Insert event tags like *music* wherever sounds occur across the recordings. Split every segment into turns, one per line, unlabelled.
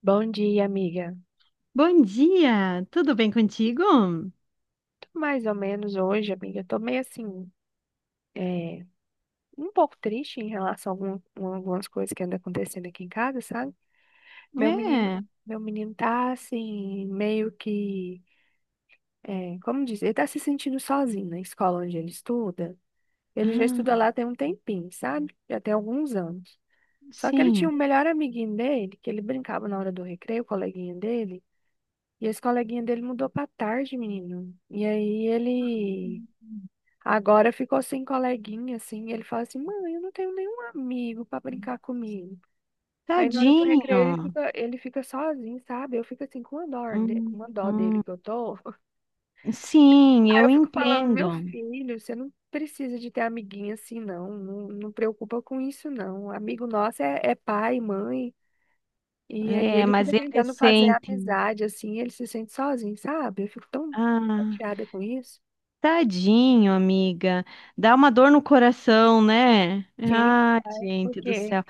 Bom dia, amiga.
Bom dia, tudo bem contigo?
Tô mais ou menos hoje, amiga. Eu tô meio assim, é, um pouco triste em relação a a algumas coisas que andam acontecendo aqui em casa, sabe? Meu menino,
É,
meu menino tá assim, meio que, é, como dizer, ele tá se sentindo sozinho na escola onde ele estuda. Ele já estuda
ah,
lá tem um tempinho, sabe? Já tem alguns anos. Só que ele tinha
sim,
um melhor amiguinho dele, que ele brincava na hora do recreio, o coleguinha dele. E esse coleguinha dele mudou pra tarde, menino. E aí ele agora ficou sem coleguinha, assim, e ele fala assim, mãe, eu não tenho nenhum amigo pra brincar comigo. Aí na hora do
tadinho.
recreio ele fica sozinho, sabe? Eu fico assim com uma dó,
Hum,
uma dó dele
hum.
que eu tô. *laughs*
Sim,
Aí eu
eu
fico falando, meu
entendo.
filho, você não precisa de ter amiguinha assim, não. Não, não preocupa com isso, não. Amigo nosso é, é pai, mãe. E aí
É,
ele
mas
fica
ele
tentando fazer
sente.
amizade, assim, ele se sente sozinho, sabe? Eu fico tão
Ah,
chateada com isso.
tadinho, amiga. Dá uma dor no coração, né?
Sim,
Ah,
pai,
gente do
porque
céu.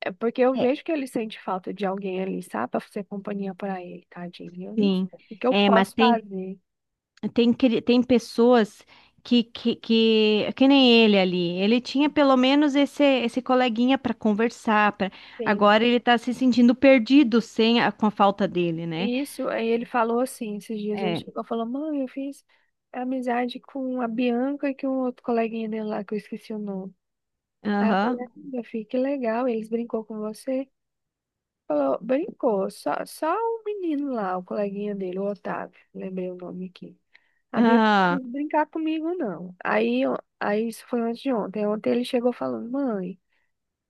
é porque eu
É,
vejo que ele sente falta de alguém ali, sabe? Pra fazer companhia pra ele, tadinho. Eu não
sim.
sei o que eu
É, mas
posso
tem
fazer?
Tem pessoas que nem ele ali. Ele tinha pelo menos esse coleguinha para conversar. Pra...
Sim.
Agora ele tá se sentindo perdido sem a- com a falta dele, né?
Isso, aí ele falou assim, esses dias ele
É.
chegou e falou, mãe, eu fiz amizade com a Bianca e com um outro coleguinha dele lá, que eu esqueci o nome. Aí eu falei,
Aham.
"Ah, meu filho, que legal, eles brincou com você? Falou, brincou, só o menino lá, o coleguinha dele, o Otávio, lembrei o nome aqui. A Bianca
ah
não quis brincar comigo, não. Aí, aí isso foi antes de ontem. Ontem ele chegou falando, mãe.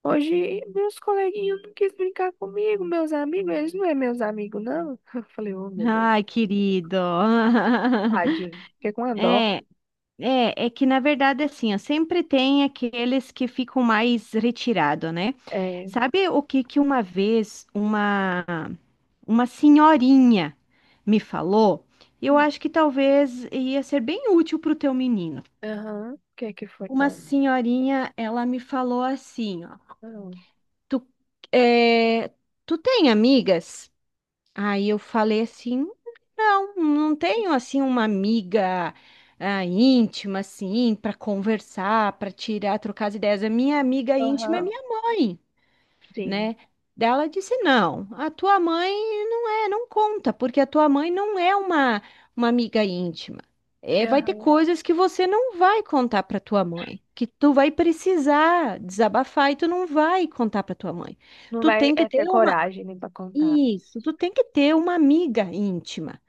Hoje meus coleguinhas não quis brincar comigo, meus amigos, eles não é meus amigos, não. *laughs* Eu falei, oh meu Deus,
Ai, querido. *laughs*
tadinho, fiquei com uma dó.
É. É, é que na verdade assim, ó, sempre tem aqueles que ficam mais retirados, né?
É,
Sabe o que que uma vez uma senhorinha me falou? Eu
hum,
acho que talvez ia ser bem útil para o teu menino.
aham, o que é que foi,
Uma
tá?
senhorinha, ela me falou assim, ó,
Não.
tu, é, tu tem amigas? Aí eu falei assim, não tenho assim uma amiga íntima assim para conversar, para tirar, trocar as ideias. A minha amiga íntima é
Aham,
minha mãe,
sim,
né? Daí ela disse não, a tua mãe não conta, porque a tua mãe não é uma amiga íntima. É, vai ter
aham.
coisas que você não vai contar para tua mãe, que tu vai precisar desabafar e tu não vai contar para tua mãe.
Não
Tu
vai
tem que
é,
ter
ter coragem nem pra contar.
isso, tu tem que ter uma amiga íntima.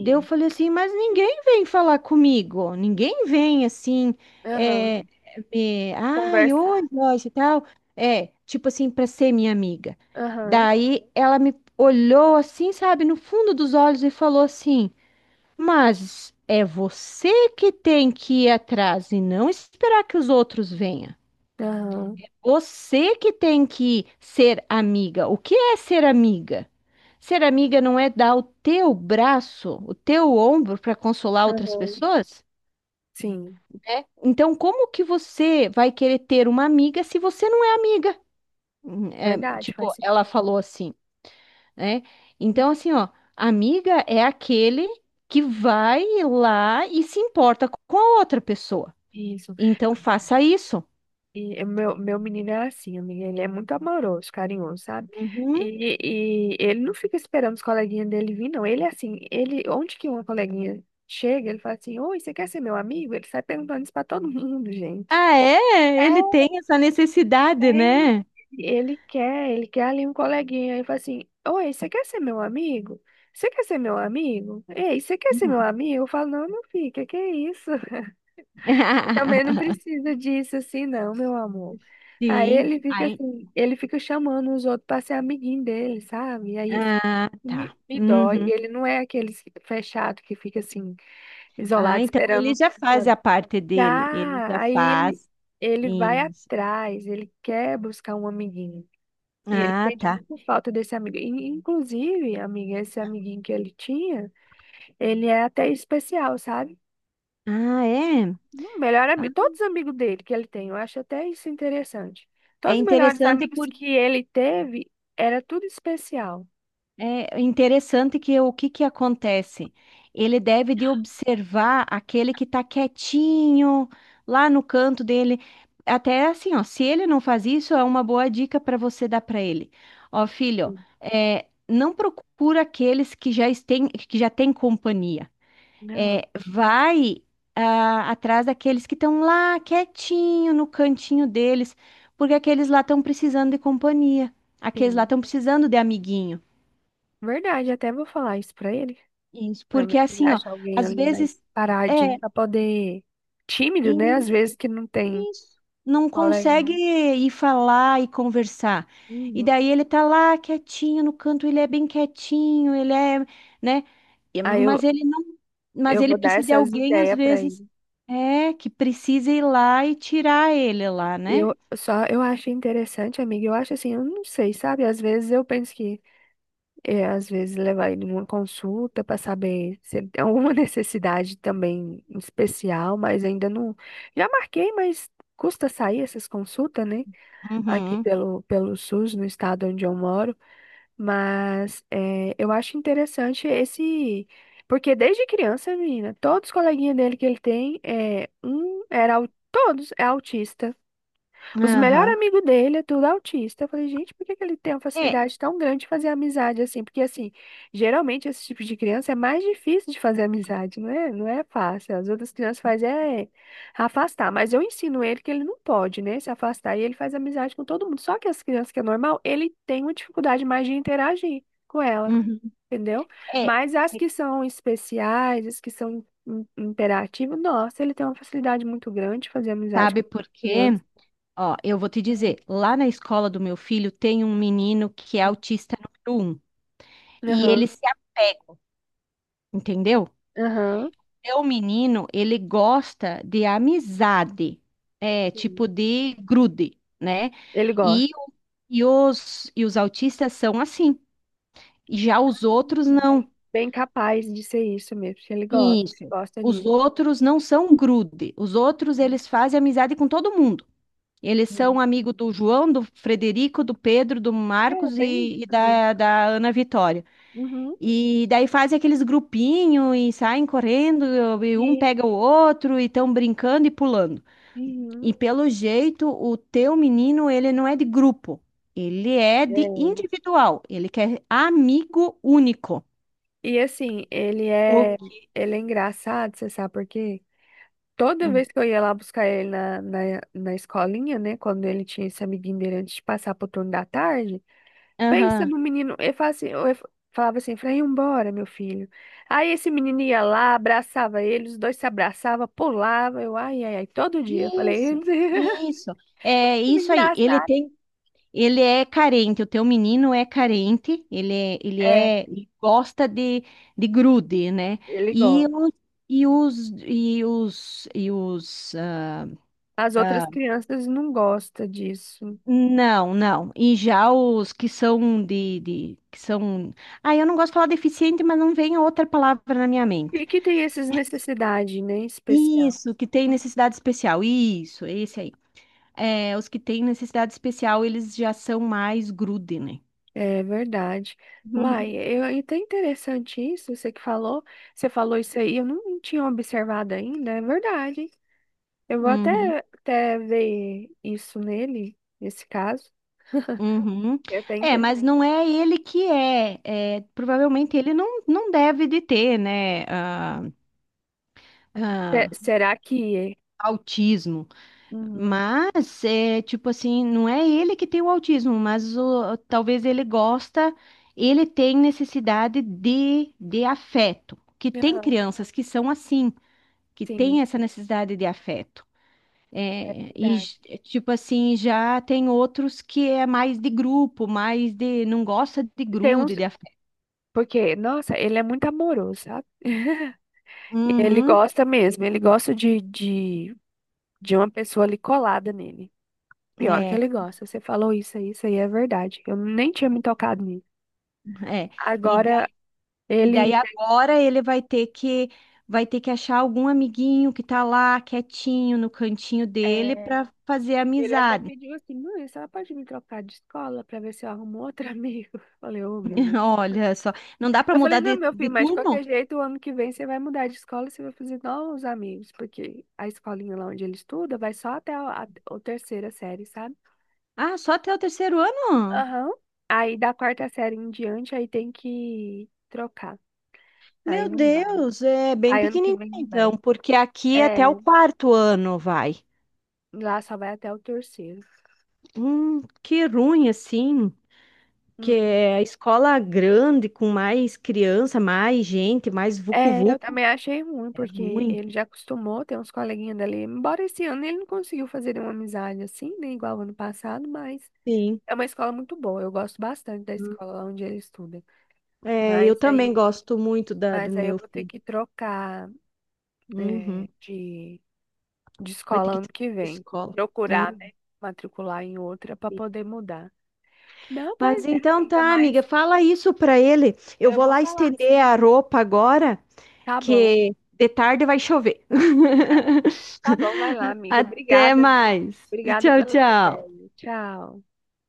Daí eu falei assim, mas ninguém vem falar comigo, ninguém vem assim, é,
aham,
me, ai, oi,
conversar.
Joyce e tal. É, tipo assim, para ser minha amiga.
Aham,
Daí ela me olhou assim, sabe, no fundo dos olhos e falou assim, mas é você que tem que ir atrás e não esperar que os outros venham.
aham,
Você que tem que ser amiga. O que é ser amiga? Ser amiga não é dar o teu braço, o teu ombro para consolar outras
aham,
pessoas,
sim,
né? Então, como que você vai querer ter uma amiga se você não é amiga? É,
verdade,
tipo,
faz
ela
sentido.
falou assim, né? Então, assim, ó, amiga é aquele que vai lá e se importa com a outra pessoa.
Isso.
Então, faça isso.
E o meu menino é assim, amiga, ele é muito amoroso, carinhoso, sabe?
Uhum.
E, e ele não fica esperando os coleguinhas dele vir, não. Ele é assim, ele, onde que uma coleguinha chega, ele fala assim, oi, você quer ser meu amigo? Ele sai perguntando isso pra todo *laughs* mundo, gente.
Ah,
É,
é? Ele tem essa necessidade,
tem.
né?
Ele quer ali um coleguinha. Ele fala assim, oi, você quer ser meu amigo? Você quer ser meu amigo? Ei, você quer ser meu
Hum.
amigo? Eu falo, não, meu filho, que é isso? E também não
*laughs*
precisa disso assim, não, meu amor. Aí
Sim,
ele fica
aí,
assim, ele fica chamando os outros para ser amiguinho dele, sabe? E aí isso
ah, tá.
me dói.
Uhum.
Ele não é aquele fechado que fica assim,
Ah,
isolado,
então ele
esperando.
já faz a parte dele, ele
Ah,
já faz.
ele vai
Isso.
atrás, ele quer buscar um amiguinho. E ele
Ah,
sente
tá.
muita falta desse amigo. E, inclusive, amiga, esse amiguinho que ele tinha, ele é até especial, sabe?
Ah, é.
Melhor
Ah,
amigo, todos os amigos dele que ele tem, eu acho até isso interessante.
É
Todos os melhores
interessante
amigos
por
que ele teve, era tudo especial.
É interessante que o que que acontece? Ele deve de observar aquele que está quietinho lá no canto dele. Até assim, ó, se ele não faz isso, é uma boa dica para você dar para ele. Ó, filho,
Sim.
é, não procura aqueles que já têm companhia.
Não,
É, vai atrás daqueles que estão lá quietinho no cantinho deles, porque aqueles lá estão precisando de companhia. Aqueles lá
sim.
estão precisando de amiguinho.
Verdade, até vou falar isso pra ele,
Isso,
pra ver
porque
se ele
assim, ó,
acha alguém
às
ali mais
vezes
paradinho,
é
pra poder, tímido, né?
e-
Às vezes que não tem
isso, não
colega.
consegue ir falar e conversar. E
Uhum.
daí ele tá lá quietinho no canto, ele é bem quietinho, né?
Aí
Mas ele não, mas
eu
ele
vou dar
precisa de
essas
alguém às
ideias pra
vezes
ele.
que precisa ir lá e tirar ele lá, né?
Eu só, eu acho interessante, amiga, eu acho assim, eu não sei, sabe? Às vezes eu penso que é, às vezes levar ele numa consulta para saber se ele tem alguma *laughs* necessidade também especial, mas ainda não. Já marquei, mas custa sair essas consultas, né? Aqui
Uhum.
pelo SUS, no estado onde eu moro. Mas é, eu acho interessante esse. Porque desde criança, menina, todos os coleguinhas dele que ele tem, é, um era. Todos é autista. Os melhores
Aham.
amigos dele é tudo autista. Eu falei, gente, por que que ele tem uma
É,
facilidade tão grande de fazer amizade assim? Porque, assim, geralmente esse tipo de criança é mais difícil de fazer amizade, não é, não é fácil. As outras crianças fazem é afastar, mas eu ensino ele que ele não pode, né, se afastar e ele faz amizade com todo mundo. Só que as crianças que é normal, ele tem uma dificuldade mais de interagir com ela,
uhum.
entendeu?
É, é,
Mas as que são especiais, as que são imperativas, nossa, ele tem uma facilidade muito grande de fazer amizade
sabe
com
por quê?
criança.
Ó, eu vou te dizer, lá na escola do meu filho tem um menino que é autista número um e ele
Aham,
se apega, entendeu?
aham.
Meu menino, ele gosta de amizade, é, tipo
Sim.
de grude, né?
Ele
E,
gosta.
o- e os autistas são assim, já os
Ah,
outros não.
Bem capaz de ser isso mesmo. Ele
Isso.
gosta
Os
disso.
outros não são grude, os outros eles fazem amizade com todo mundo. Eles são
Sim.
amigo do João, do Frederico, do Pedro, do
É,
Marcos
bem isso
e
também.
da Ana Vitória.
Uhum.
E daí fazem aqueles grupinhos e saem correndo, e um
E,
pega o outro e estão brincando e pulando.
uhum.
E pelo jeito, o teu menino, ele não é de grupo, ele é de
É.
individual, ele quer amigo único.
E assim,
O-
ele é engraçado, você sabe por quê? Toda
Hum.
vez que eu ia lá buscar ele na escolinha, né? Quando ele tinha esse amiguinho dele antes de passar pro turno da tarde, pensa
Aham.
no menino, eu falo assim, eu falava assim, Efraim, embora meu filho. Aí esse menino ia lá, abraçava ele, os dois se abraçavam, pulavam, eu, ai, ai, ai, todo dia. Eu falei,
Isso,
*laughs*
isso. É
"Como
isso aí. Ele
engraçado.
tem Ele é carente, o teu menino é carente,
É,
ele gosta de grude, né?
ele
E
gosta.
os, e os, e os, e os, ah,
As outras
ah,
crianças não gostam disso.
não, não. E já os que são que são, ah, eu não gosto de falar deficiente, mas não vem outra palavra na minha mente.
E que tem essas necessidades, né, especial.
Isso, que tem necessidade especial, isso, esse aí. É, os que têm necessidade especial, eles já são mais grude, né?
É verdade. Uai,
*laughs*
eu, é até interessante isso, você que falou, você falou isso aí, eu não tinha observado ainda, é verdade, eu vou até,
Uhum.
até ver isso nele, nesse caso. *laughs*
Uhum.
É até
É,
interessante.
mas não é ele que é. É, provavelmente ele não, não deve de ter, né, ah,
Será que.
autismo.
Uhum.
Mas, é, tipo assim, não é ele que tem o autismo, mas o, talvez ele gosta, ele tem necessidade de afeto. Que tem
Aham,
crianças que são assim, que
sim,
têm essa necessidade de afeto. É,
verdade.
tipo assim, já tem outros que é mais de grupo, mais de não gosta de
Tem uns.
grude, de
Porque, nossa, ele é muito amoroso, sabe? Ele
Uhum,
gosta mesmo, ele gosta de uma pessoa ali colada nele. Pior que
é,
ele gosta. Você falou isso aí é verdade. Eu nem tinha me tocado nisso.
é. E, da-
Agora,
e daí
ele.
agora ele vai ter que achar algum amiguinho que tá lá quietinho no cantinho dele
É,
para fazer
ele até
amizade.
pediu assim, mãe, a senhora pode me trocar de escola pra ver se eu arrumo outro amigo? *laughs* Eu falei, ô, menina.
*laughs* Olha só, não dá para
Eu falei,
mudar
não, meu
de
filho, mas de qualquer
turno?
jeito, o ano que vem você vai mudar de escola e você vai fazer novos amigos, porque a escolinha lá onde ele estuda vai só até a terceira série, sabe?
Ah, só até o terceiro ano?
Aham. Aí da quarta série em diante, aí tem que trocar. Aí
Meu
não vai.
Deus, é bem
Aí ano que
pequenininho
vem não vai.
então, porque aqui é
É,
até o quarto ano vai.
lá só vai até o terceiro.
Que ruim assim. Que
Hum.
é a escola grande, com mais criança, mais gente, mais
É, eu
vucu-vucu,
também achei ruim,
é
porque
ruim.
ele já acostumou, tem uns coleguinhas dali. Embora esse ano ele não conseguiu fazer uma amizade assim, né? Igual ano passado, mas.
Sim.
É uma escola muito boa, eu gosto bastante da
Hum.
escola onde ele estuda.
É,
Mas
eu também
aí,
gosto muito do
mas aí eu
meu
vou ter
filho.
que trocar eh,
Uhum.
de, de
Vai ter
escola
que
ano
ter
que vem.
escola. Né?
Procurar, né? Matricular em outra para poder mudar. Não, pois
Mas
é,
então
amiga,
tá,
mas
amiga, fala isso pra ele. Eu
eu
vou
vou
lá
falar
estender
sim.
a roupa agora,
Tá bom,
que de tarde vai chover.
tá bom, vai lá,
*laughs*
amiga.
Até
Obrigada, viu?
mais.
Obrigada
Tchau,
pelas
tchau.
ideias. Tchau.